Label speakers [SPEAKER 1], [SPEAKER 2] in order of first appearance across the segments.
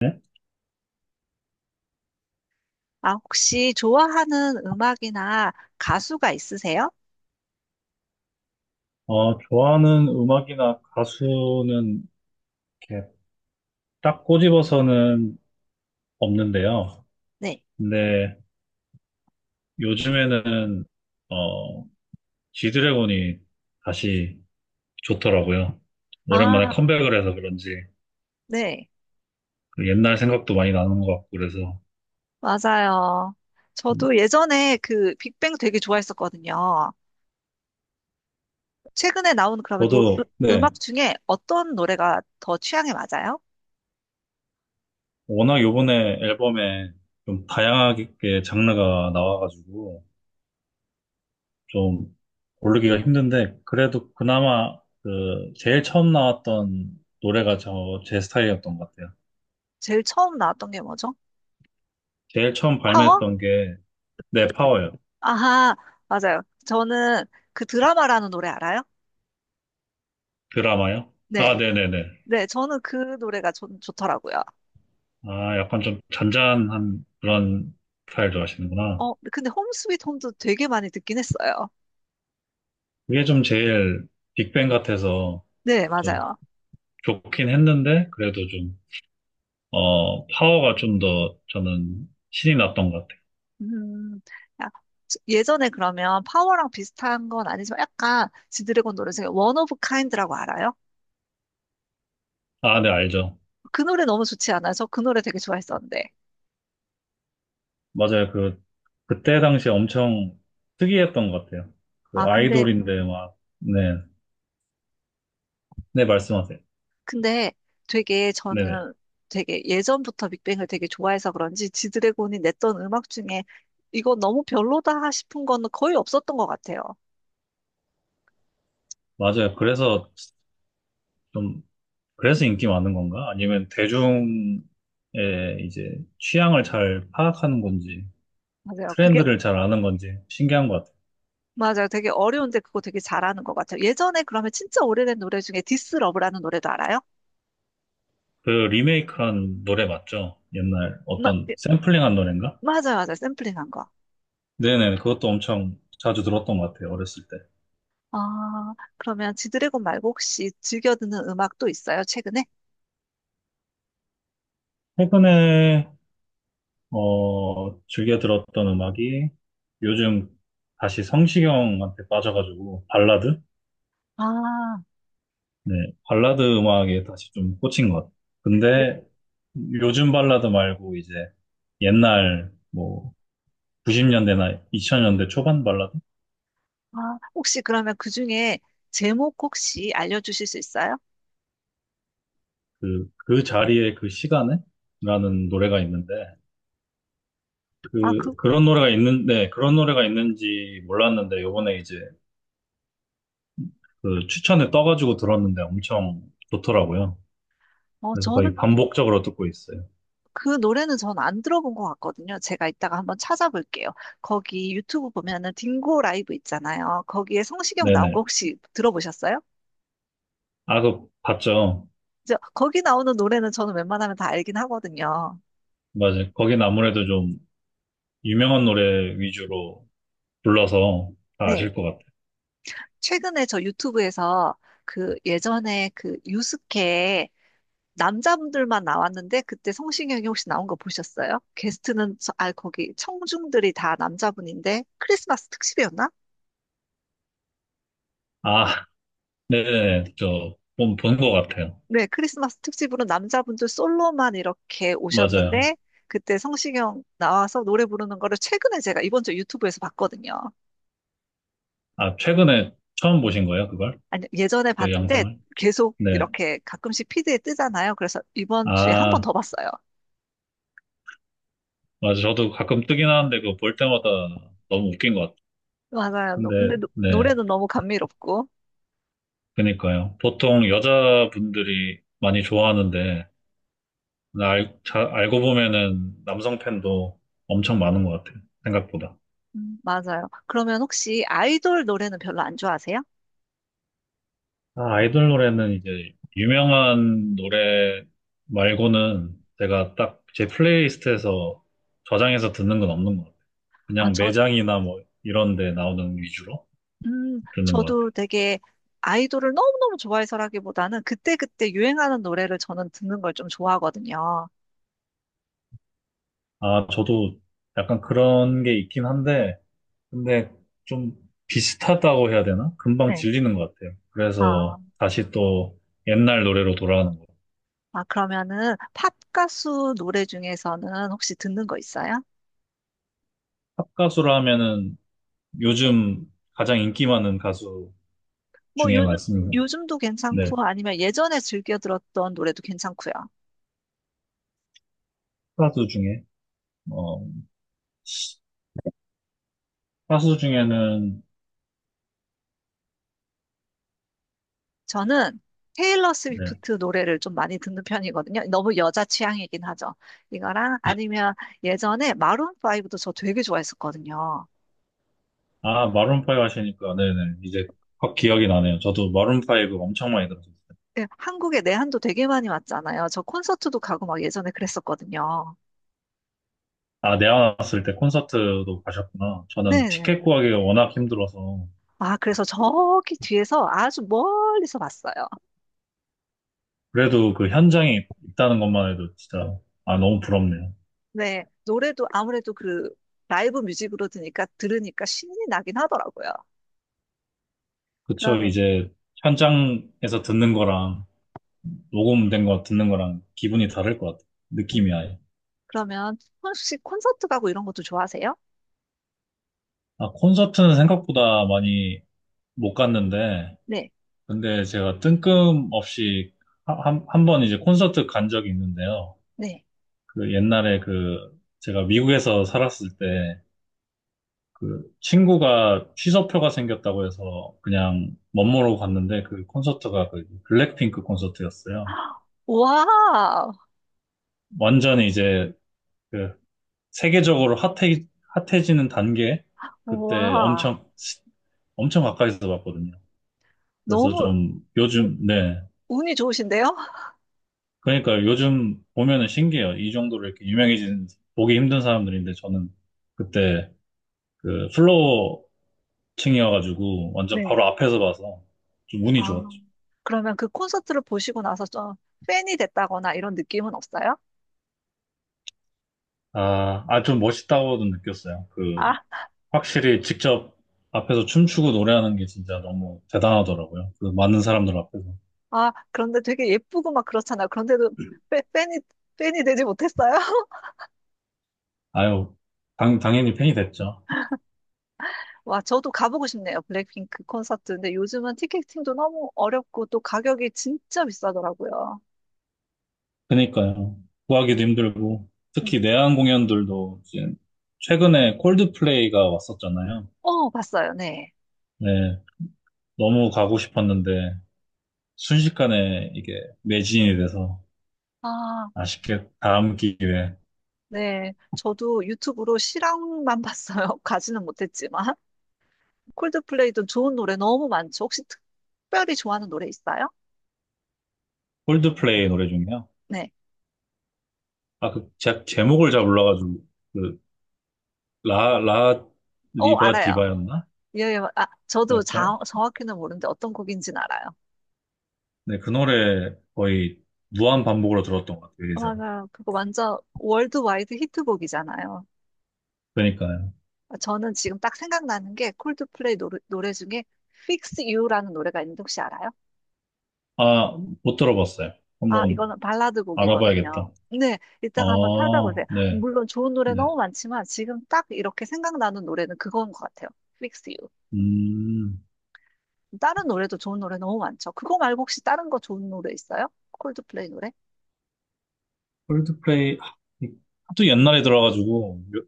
[SPEAKER 1] 네?
[SPEAKER 2] 아, 혹시 좋아하는 음악이나 가수가 있으세요?
[SPEAKER 1] 좋아하는 음악이나 가수는 이렇게 딱 꼬집어서는 없는데요.
[SPEAKER 2] 네.
[SPEAKER 1] 근데 요즘에는, 어, 지드래곤이 다시 좋더라고요. 오랜만에
[SPEAKER 2] 아,
[SPEAKER 1] 컴백을 해서 그런지
[SPEAKER 2] 네.
[SPEAKER 1] 그 옛날 생각도 많이 나는 것 같고 그래서.
[SPEAKER 2] 맞아요.
[SPEAKER 1] 음,
[SPEAKER 2] 저도 예전에 그 빅뱅 되게 좋아했었거든요. 최근에 나온 그러면
[SPEAKER 1] 저도, 네,
[SPEAKER 2] 음악 중에 어떤 노래가 더 취향에 맞아요?
[SPEAKER 1] 워낙 요번에 앨범에 좀 다양하게 장르가 나와가지고 좀 고르기가 힘든데 그래도 그나마 그 제일 처음 나왔던 노래가 저 제 스타일이었던 것 같아요.
[SPEAKER 2] 제일 처음 나왔던 게 뭐죠?
[SPEAKER 1] 제일 처음
[SPEAKER 2] 파워?
[SPEAKER 1] 발매했던 게 네, 파워요.
[SPEAKER 2] 아하, 맞아요. 저는 그 드라마라는 노래 알아요?
[SPEAKER 1] 드라마요? 아,
[SPEAKER 2] 네.
[SPEAKER 1] 네네네.
[SPEAKER 2] 네, 저는 그 노래가 좋더라고요.
[SPEAKER 1] 아, 약간 좀 잔잔한 그런 스타일 좋아하시는구나.
[SPEAKER 2] 어, 근데 홈 스윗 홈도 되게 많이 듣긴 했어요.
[SPEAKER 1] 그게 좀 제일 빅뱅 같아서
[SPEAKER 2] 네,
[SPEAKER 1] 좀
[SPEAKER 2] 맞아요.
[SPEAKER 1] 좋긴 했는데 그래도 좀 파워가 좀 더 저는 신이 났던 것 같아요.
[SPEAKER 2] 음, 야, 예전에 그러면 파워랑 비슷한 건 아니지만 약간 지드래곤 노래 중에 원 오브 카인드라고 알아요?
[SPEAKER 1] 아, 네, 알죠.
[SPEAKER 2] 그 노래 너무 좋지 않아요? 저 그 노래 되게 좋아했었는데.
[SPEAKER 1] 맞아요. 그때 당시 엄청 특이했던 것 같아요. 그
[SPEAKER 2] 아, 근데,
[SPEAKER 1] 아이돌인데 막, 네. 네, 말씀하세요.
[SPEAKER 2] 근데 되게
[SPEAKER 1] 네네.
[SPEAKER 2] 저는 되게 예전부터 빅뱅을 되게 좋아해서 그런지 지드래곤이 냈던 음악 중에 이거 너무 별로다 싶은 건 거의 없었던 것 같아요.
[SPEAKER 1] 맞아요. 좀, 그래서 인기 많은 건가? 아니면 대중의 이제 취향을 잘 파악하는 건지,
[SPEAKER 2] 맞아요. 그게,
[SPEAKER 1] 트렌드를 잘 아는 건지 신기한 것 같아요.
[SPEAKER 2] 맞아요. 되게 어려운데 그거 되게 잘하는 것 같아요. 예전에 그러면 진짜 오래된 노래 중에 디스 러브라는 노래도 알아요?
[SPEAKER 1] 그 리메이크한 노래 맞죠? 옛날 어떤
[SPEAKER 2] 예,
[SPEAKER 1] 샘플링한 노래인가?
[SPEAKER 2] 맞아요, 맞아요. 샘플링한 거.
[SPEAKER 1] 네네. 그것도 엄청 자주 들었던 것 같아요. 어렸을 때.
[SPEAKER 2] 아, 그러면 지드래곤 말고 혹시 즐겨 듣는 음악 또 있어요, 최근에?
[SPEAKER 1] 최근에 즐겨 들었던 음악이 요즘 다시 성시경한테 빠져가지고 발라드?
[SPEAKER 2] 아,
[SPEAKER 1] 네, 발라드 음악에 다시 좀 꽂힌 것 같아요.
[SPEAKER 2] 네.
[SPEAKER 1] 근데 요즘 발라드 말고 이제 옛날 뭐 90년대나 2000년대 초반 발라드?
[SPEAKER 2] 아, 혹시 그러면 그 중에 제목 혹시 알려주실 수 있어요?
[SPEAKER 1] 그 자리에 그 시간에? 라는 노래가 있는데
[SPEAKER 2] 아, 그,
[SPEAKER 1] 그런 노래가 있는지 몰랐는데 요번에 이제 그 추천에 떠가지고 들었는데 엄청 좋더라고요. 그래서
[SPEAKER 2] 저는
[SPEAKER 1] 거의 반복적으로 듣고 있어요.
[SPEAKER 2] 그 노래는 전 안 들어본 것 같거든요. 제가 이따가 한번 찾아볼게요. 거기 유튜브 보면은 딩고 라이브 있잖아요. 거기에 성시경 나온 거
[SPEAKER 1] 네네.
[SPEAKER 2] 혹시 들어보셨어요?
[SPEAKER 1] 아, 그, 봤죠?
[SPEAKER 2] 저, 거기 나오는 노래는 저는 웬만하면 다 알긴 하거든요.
[SPEAKER 1] 맞아요. 거긴 아무래도 좀 유명한 노래 위주로 불러서 다
[SPEAKER 2] 네.
[SPEAKER 1] 아실 것 같아요.
[SPEAKER 2] 최근에 저 유튜브에서 그 예전에 그 유스케 남자분들만 나왔는데 그때 성시경이 혹시 나온 거 보셨어요? 게스트는 아 거기 청중들이 다 남자분인데 크리스마스 특집이었나?
[SPEAKER 1] 아, 네네. 저, 본것 같아요.
[SPEAKER 2] 네, 크리스마스 특집으로 남자분들 솔로만 이렇게
[SPEAKER 1] 맞아요.
[SPEAKER 2] 오셨는데 그때 성시경 나와서 노래 부르는 거를 최근에 제가 이번 주 유튜브에서 봤거든요.
[SPEAKER 1] 아, 최근에 처음 보신 거예요, 그걸?
[SPEAKER 2] 아니 예전에
[SPEAKER 1] 그
[SPEAKER 2] 봤는데
[SPEAKER 1] 영상을?
[SPEAKER 2] 계속
[SPEAKER 1] 네.
[SPEAKER 2] 이렇게 가끔씩 피드에 뜨잖아요. 그래서 이번 주에 한 번
[SPEAKER 1] 아,
[SPEAKER 2] 더 봤어요.
[SPEAKER 1] 맞아. 저도 가끔 뜨긴 하는데 그거 볼 때마다 너무 웃긴 것 같아요.
[SPEAKER 2] 맞아요. 노-
[SPEAKER 1] 근데,
[SPEAKER 2] 근데 노-
[SPEAKER 1] 네.
[SPEAKER 2] 노래는 너무 감미롭고.
[SPEAKER 1] 그니까요. 보통 여자분들이 많이 좋아하는데, 근데 알고 보면은 남성 팬도 엄청 많은 것 같아요. 생각보다.
[SPEAKER 2] 맞아요. 그러면 혹시 아이돌 노래는 별로 안 좋아하세요?
[SPEAKER 1] 아, 아이돌 노래는 이제 유명한 노래 말고는 제가 딱 제 플레이리스트에서 저장해서 듣는 건 없는 것 같아요.
[SPEAKER 2] 아,
[SPEAKER 1] 그냥
[SPEAKER 2] 저,
[SPEAKER 1] 매장이나 뭐 이런 데 나오는 위주로 듣는 것 같아요.
[SPEAKER 2] 저도 되게 아이돌을 너무너무 좋아해서라기보다는 그때그때 유행하는 노래를 저는 듣는 걸 좀 좋아하거든요.
[SPEAKER 1] 아, 저도 약간 그런 게 있긴 한데, 근데 좀 비슷하다고 해야 되나? 금방
[SPEAKER 2] 네.
[SPEAKER 1] 질리는 것 같아요.
[SPEAKER 2] 아,
[SPEAKER 1] 그래서 다시 또 옛날 노래로 돌아가는 것 같아요.
[SPEAKER 2] 아, 그러면은 팝 가수 노래 중에서는 혹시 듣는 거 있어요?
[SPEAKER 1] 팝 가수라 하면은 요즘 가장 인기 많은 가수
[SPEAKER 2] 뭐
[SPEAKER 1] 중에 말씀이고,
[SPEAKER 2] 요즘도
[SPEAKER 1] 네,
[SPEAKER 2] 괜찮고 아니면 예전에 즐겨 들었던 노래도 괜찮고요.
[SPEAKER 1] 가수 중에, 어, 가수 중에는,
[SPEAKER 2] 저는 테일러
[SPEAKER 1] 네,
[SPEAKER 2] 스위프트 노래를 좀 많이 듣는 편이거든요. 너무 여자 취향이긴 하죠. 이거랑 아니면 예전에 마룬5도 저 되게 좋아했었거든요.
[SPEAKER 1] 아, 마룬파이브 하시니까, 네네, 이제 확 기억이 나네요. 저도 마룬파이브 엄청 많이 들었어요.
[SPEAKER 2] 네, 한국에 내한도 되게 많이 왔잖아요. 저 콘서트도 가고 막 예전에 그랬었거든요.
[SPEAKER 1] 아, 내가 왔을 때 콘서트도 가셨구나. 저는
[SPEAKER 2] 네.
[SPEAKER 1] 티켓 구하기가 워낙 힘들어서,
[SPEAKER 2] 아, 그래서 저기 뒤에서 아주 멀리서 봤어요.
[SPEAKER 1] 그래도 그 현장에 있다는 것만 해도 진짜, 아, 너무 부럽네요.
[SPEAKER 2] 네. 노래도 아무래도 그 라이브 뮤직으로 드니까 들으니까 신이 나긴 하더라고요.
[SPEAKER 1] 그쵸,
[SPEAKER 2] 그러면
[SPEAKER 1] 이제 현장에서 듣는 거랑, 녹음된 거 듣는 거랑 기분이 다를 것 같아요.
[SPEAKER 2] 음,
[SPEAKER 1] 느낌이 아예.
[SPEAKER 2] 그러면 혹시 콘서트 가고 이런 것도 좋아하세요?
[SPEAKER 1] 아, 콘서트는 생각보다 많이 못 갔는데,
[SPEAKER 2] 네.
[SPEAKER 1] 근데 제가 뜬금없이 한 번 이제 콘서트 간 적이 있는데요.
[SPEAKER 2] 네.
[SPEAKER 1] 그 옛날에 그 제가 미국에서 살았을 때 그 친구가 취소표가 생겼다고 해서 그냥 멋모르고 갔는데 그 콘서트가 그 블랙핑크 콘서트였어요.
[SPEAKER 2] 와.
[SPEAKER 1] 완전히 이제 그 세계적으로 핫해지는 단계 그때
[SPEAKER 2] 와.
[SPEAKER 1] 엄청 엄청 가까이서 봤거든요. 그래서
[SPEAKER 2] 너무
[SPEAKER 1] 좀
[SPEAKER 2] 운-
[SPEAKER 1] 요즘, 네.
[SPEAKER 2] 운이 좋으신데요?
[SPEAKER 1] 그러니까 요즘 보면은 신기해요. 이 정도로 이렇게 유명해진, 보기 힘든 사람들인데 저는 그때 그 플로어 층이어가지고 완전
[SPEAKER 2] 네.
[SPEAKER 1] 바로 앞에서 봐서 좀
[SPEAKER 2] 아,
[SPEAKER 1] 운이 좋았죠.
[SPEAKER 2] 그러면 그 콘서트를 보시고 나서 좀 팬이 됐다거나 이런 느낌은 없어요?
[SPEAKER 1] 아, 아, 좀 멋있다고도 느꼈어요. 그,
[SPEAKER 2] 아,
[SPEAKER 1] 확실히 직접 앞에서 춤추고 노래하는 게 진짜 너무 대단하더라고요. 그 많은 사람들 앞에서.
[SPEAKER 2] 아, 그런데 되게 예쁘고 막 그렇잖아. 그런데도 팬, 팬이, 팬이 되지 못했어요?
[SPEAKER 1] 아유, 당연히 팬이 됐죠.
[SPEAKER 2] 와, 저도 가보고 싶네요. 블랙핑크 콘서트. 근데 요즘은 티켓팅도 너무 어렵고 또 가격이 진짜 비싸더라고요.
[SPEAKER 1] 그니까요. 구하기도 힘들고,
[SPEAKER 2] 음.
[SPEAKER 1] 특히 내한 공연들도 이제 최근에 콜드플레이가 왔었잖아요.
[SPEAKER 2] 어, 봤어요. 네.
[SPEAKER 1] 네, 너무 가고 싶었는데 순식간에 이게 매진이 돼서
[SPEAKER 2] 아,
[SPEAKER 1] 아쉽게 다음 기회에
[SPEAKER 2] 네. 저도 유튜브로 실황만 봤어요. 가지는 못했지만. 콜드플레이도 좋은 노래 너무 많죠. 혹시 특별히 좋아하는 노래 있어요?
[SPEAKER 1] 콜드플레이 노래 중에요.
[SPEAKER 2] 네.
[SPEAKER 1] 아, 그 제목을 잘 몰라가지고 그 라, 라
[SPEAKER 2] 어,
[SPEAKER 1] 리바
[SPEAKER 2] 알아요.
[SPEAKER 1] 디바였나?
[SPEAKER 2] 예, 예. 아, 저도
[SPEAKER 1] 제가 저,
[SPEAKER 2] 정확히는 모르는데 어떤 곡인지는 알아요.
[SPEAKER 1] 네, 그 노래 거의 무한 반복으로 들었던 것 같아요, 예전에.
[SPEAKER 2] 맞아요. 그거 완전 월드와이드 히트곡이잖아요.
[SPEAKER 1] 그러니까요.
[SPEAKER 2] 저는 지금 딱 생각나는 게 콜드플레이 노래 중에 Fix You라는 노래가 있는데 혹시 알아요?
[SPEAKER 1] 아, 못 들어봤어요.
[SPEAKER 2] 아,
[SPEAKER 1] 한번
[SPEAKER 2] 이거는 발라드 곡이거든요.
[SPEAKER 1] 알아봐야겠다.
[SPEAKER 2] 네, 이따가 한번
[SPEAKER 1] 아,
[SPEAKER 2] 찾아보세요.
[SPEAKER 1] 네,
[SPEAKER 2] 물론 좋은 노래
[SPEAKER 1] 네.
[SPEAKER 2] 너무 많지만 지금 딱 이렇게 생각나는 노래는 그건 것 같아요. Fix You.
[SPEAKER 1] 음,
[SPEAKER 2] 다른 노래도 좋은 노래 너무 많죠. 그거 말고 혹시 다른 거 좋은 노래 있어요? 콜드플레이 노래?
[SPEAKER 1] 콜드플레이. 하, 이- 하도 옛날에 들어가지고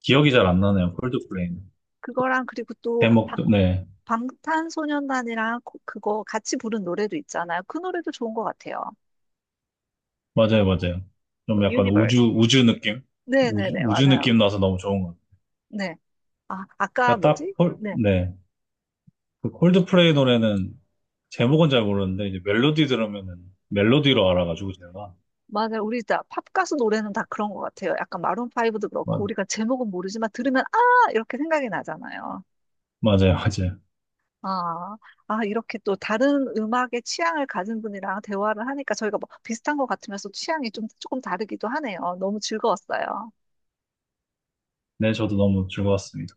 [SPEAKER 1] 기억이 잘 안 나네요. 콜드플레이는.
[SPEAKER 2] 그거랑 그리고 또
[SPEAKER 1] 제목도, 네.
[SPEAKER 2] 방탄소년단이랑 그거 같이 부른 노래도 있잖아요. 그 노래도 좋은 것 같아요.
[SPEAKER 1] 맞아요, 맞아요. 좀
[SPEAKER 2] 뭐,
[SPEAKER 1] 약간 우주,
[SPEAKER 2] 유니버스.
[SPEAKER 1] 우주 느낌? 우주,
[SPEAKER 2] 네네네,
[SPEAKER 1] 우주
[SPEAKER 2] 맞아요.
[SPEAKER 1] 느낌 나서 너무 좋은 것 같아요.
[SPEAKER 2] 네. 아, 아까
[SPEAKER 1] 그러니까 딱,
[SPEAKER 2] 뭐지? 네.
[SPEAKER 1] 네. 그 콜드플레이 노래는 제목은 잘 모르는데, 이제 멜로디 들으면은 멜로디로 알아가지고 제가.
[SPEAKER 2] 맞아요. 우리 다 팝가수 노래는 다 그런 것 같아요. 약간 마룬파이브도 그렇고,
[SPEAKER 1] 맞,
[SPEAKER 2] 우리가 제목은 모르지만 들으면, 아! 이렇게 생각이 나잖아요.
[SPEAKER 1] 맞아요, 맞아요.
[SPEAKER 2] 아, 아, 이렇게 또 다른 음악의 취향을 가진 분이랑 대화를 하니까 저희가 뭐 비슷한 것 같으면서 취향이 좀, 조금 다르기도 하네요. 너무 즐거웠어요.
[SPEAKER 1] 네, 저도 너무 즐거웠습니다.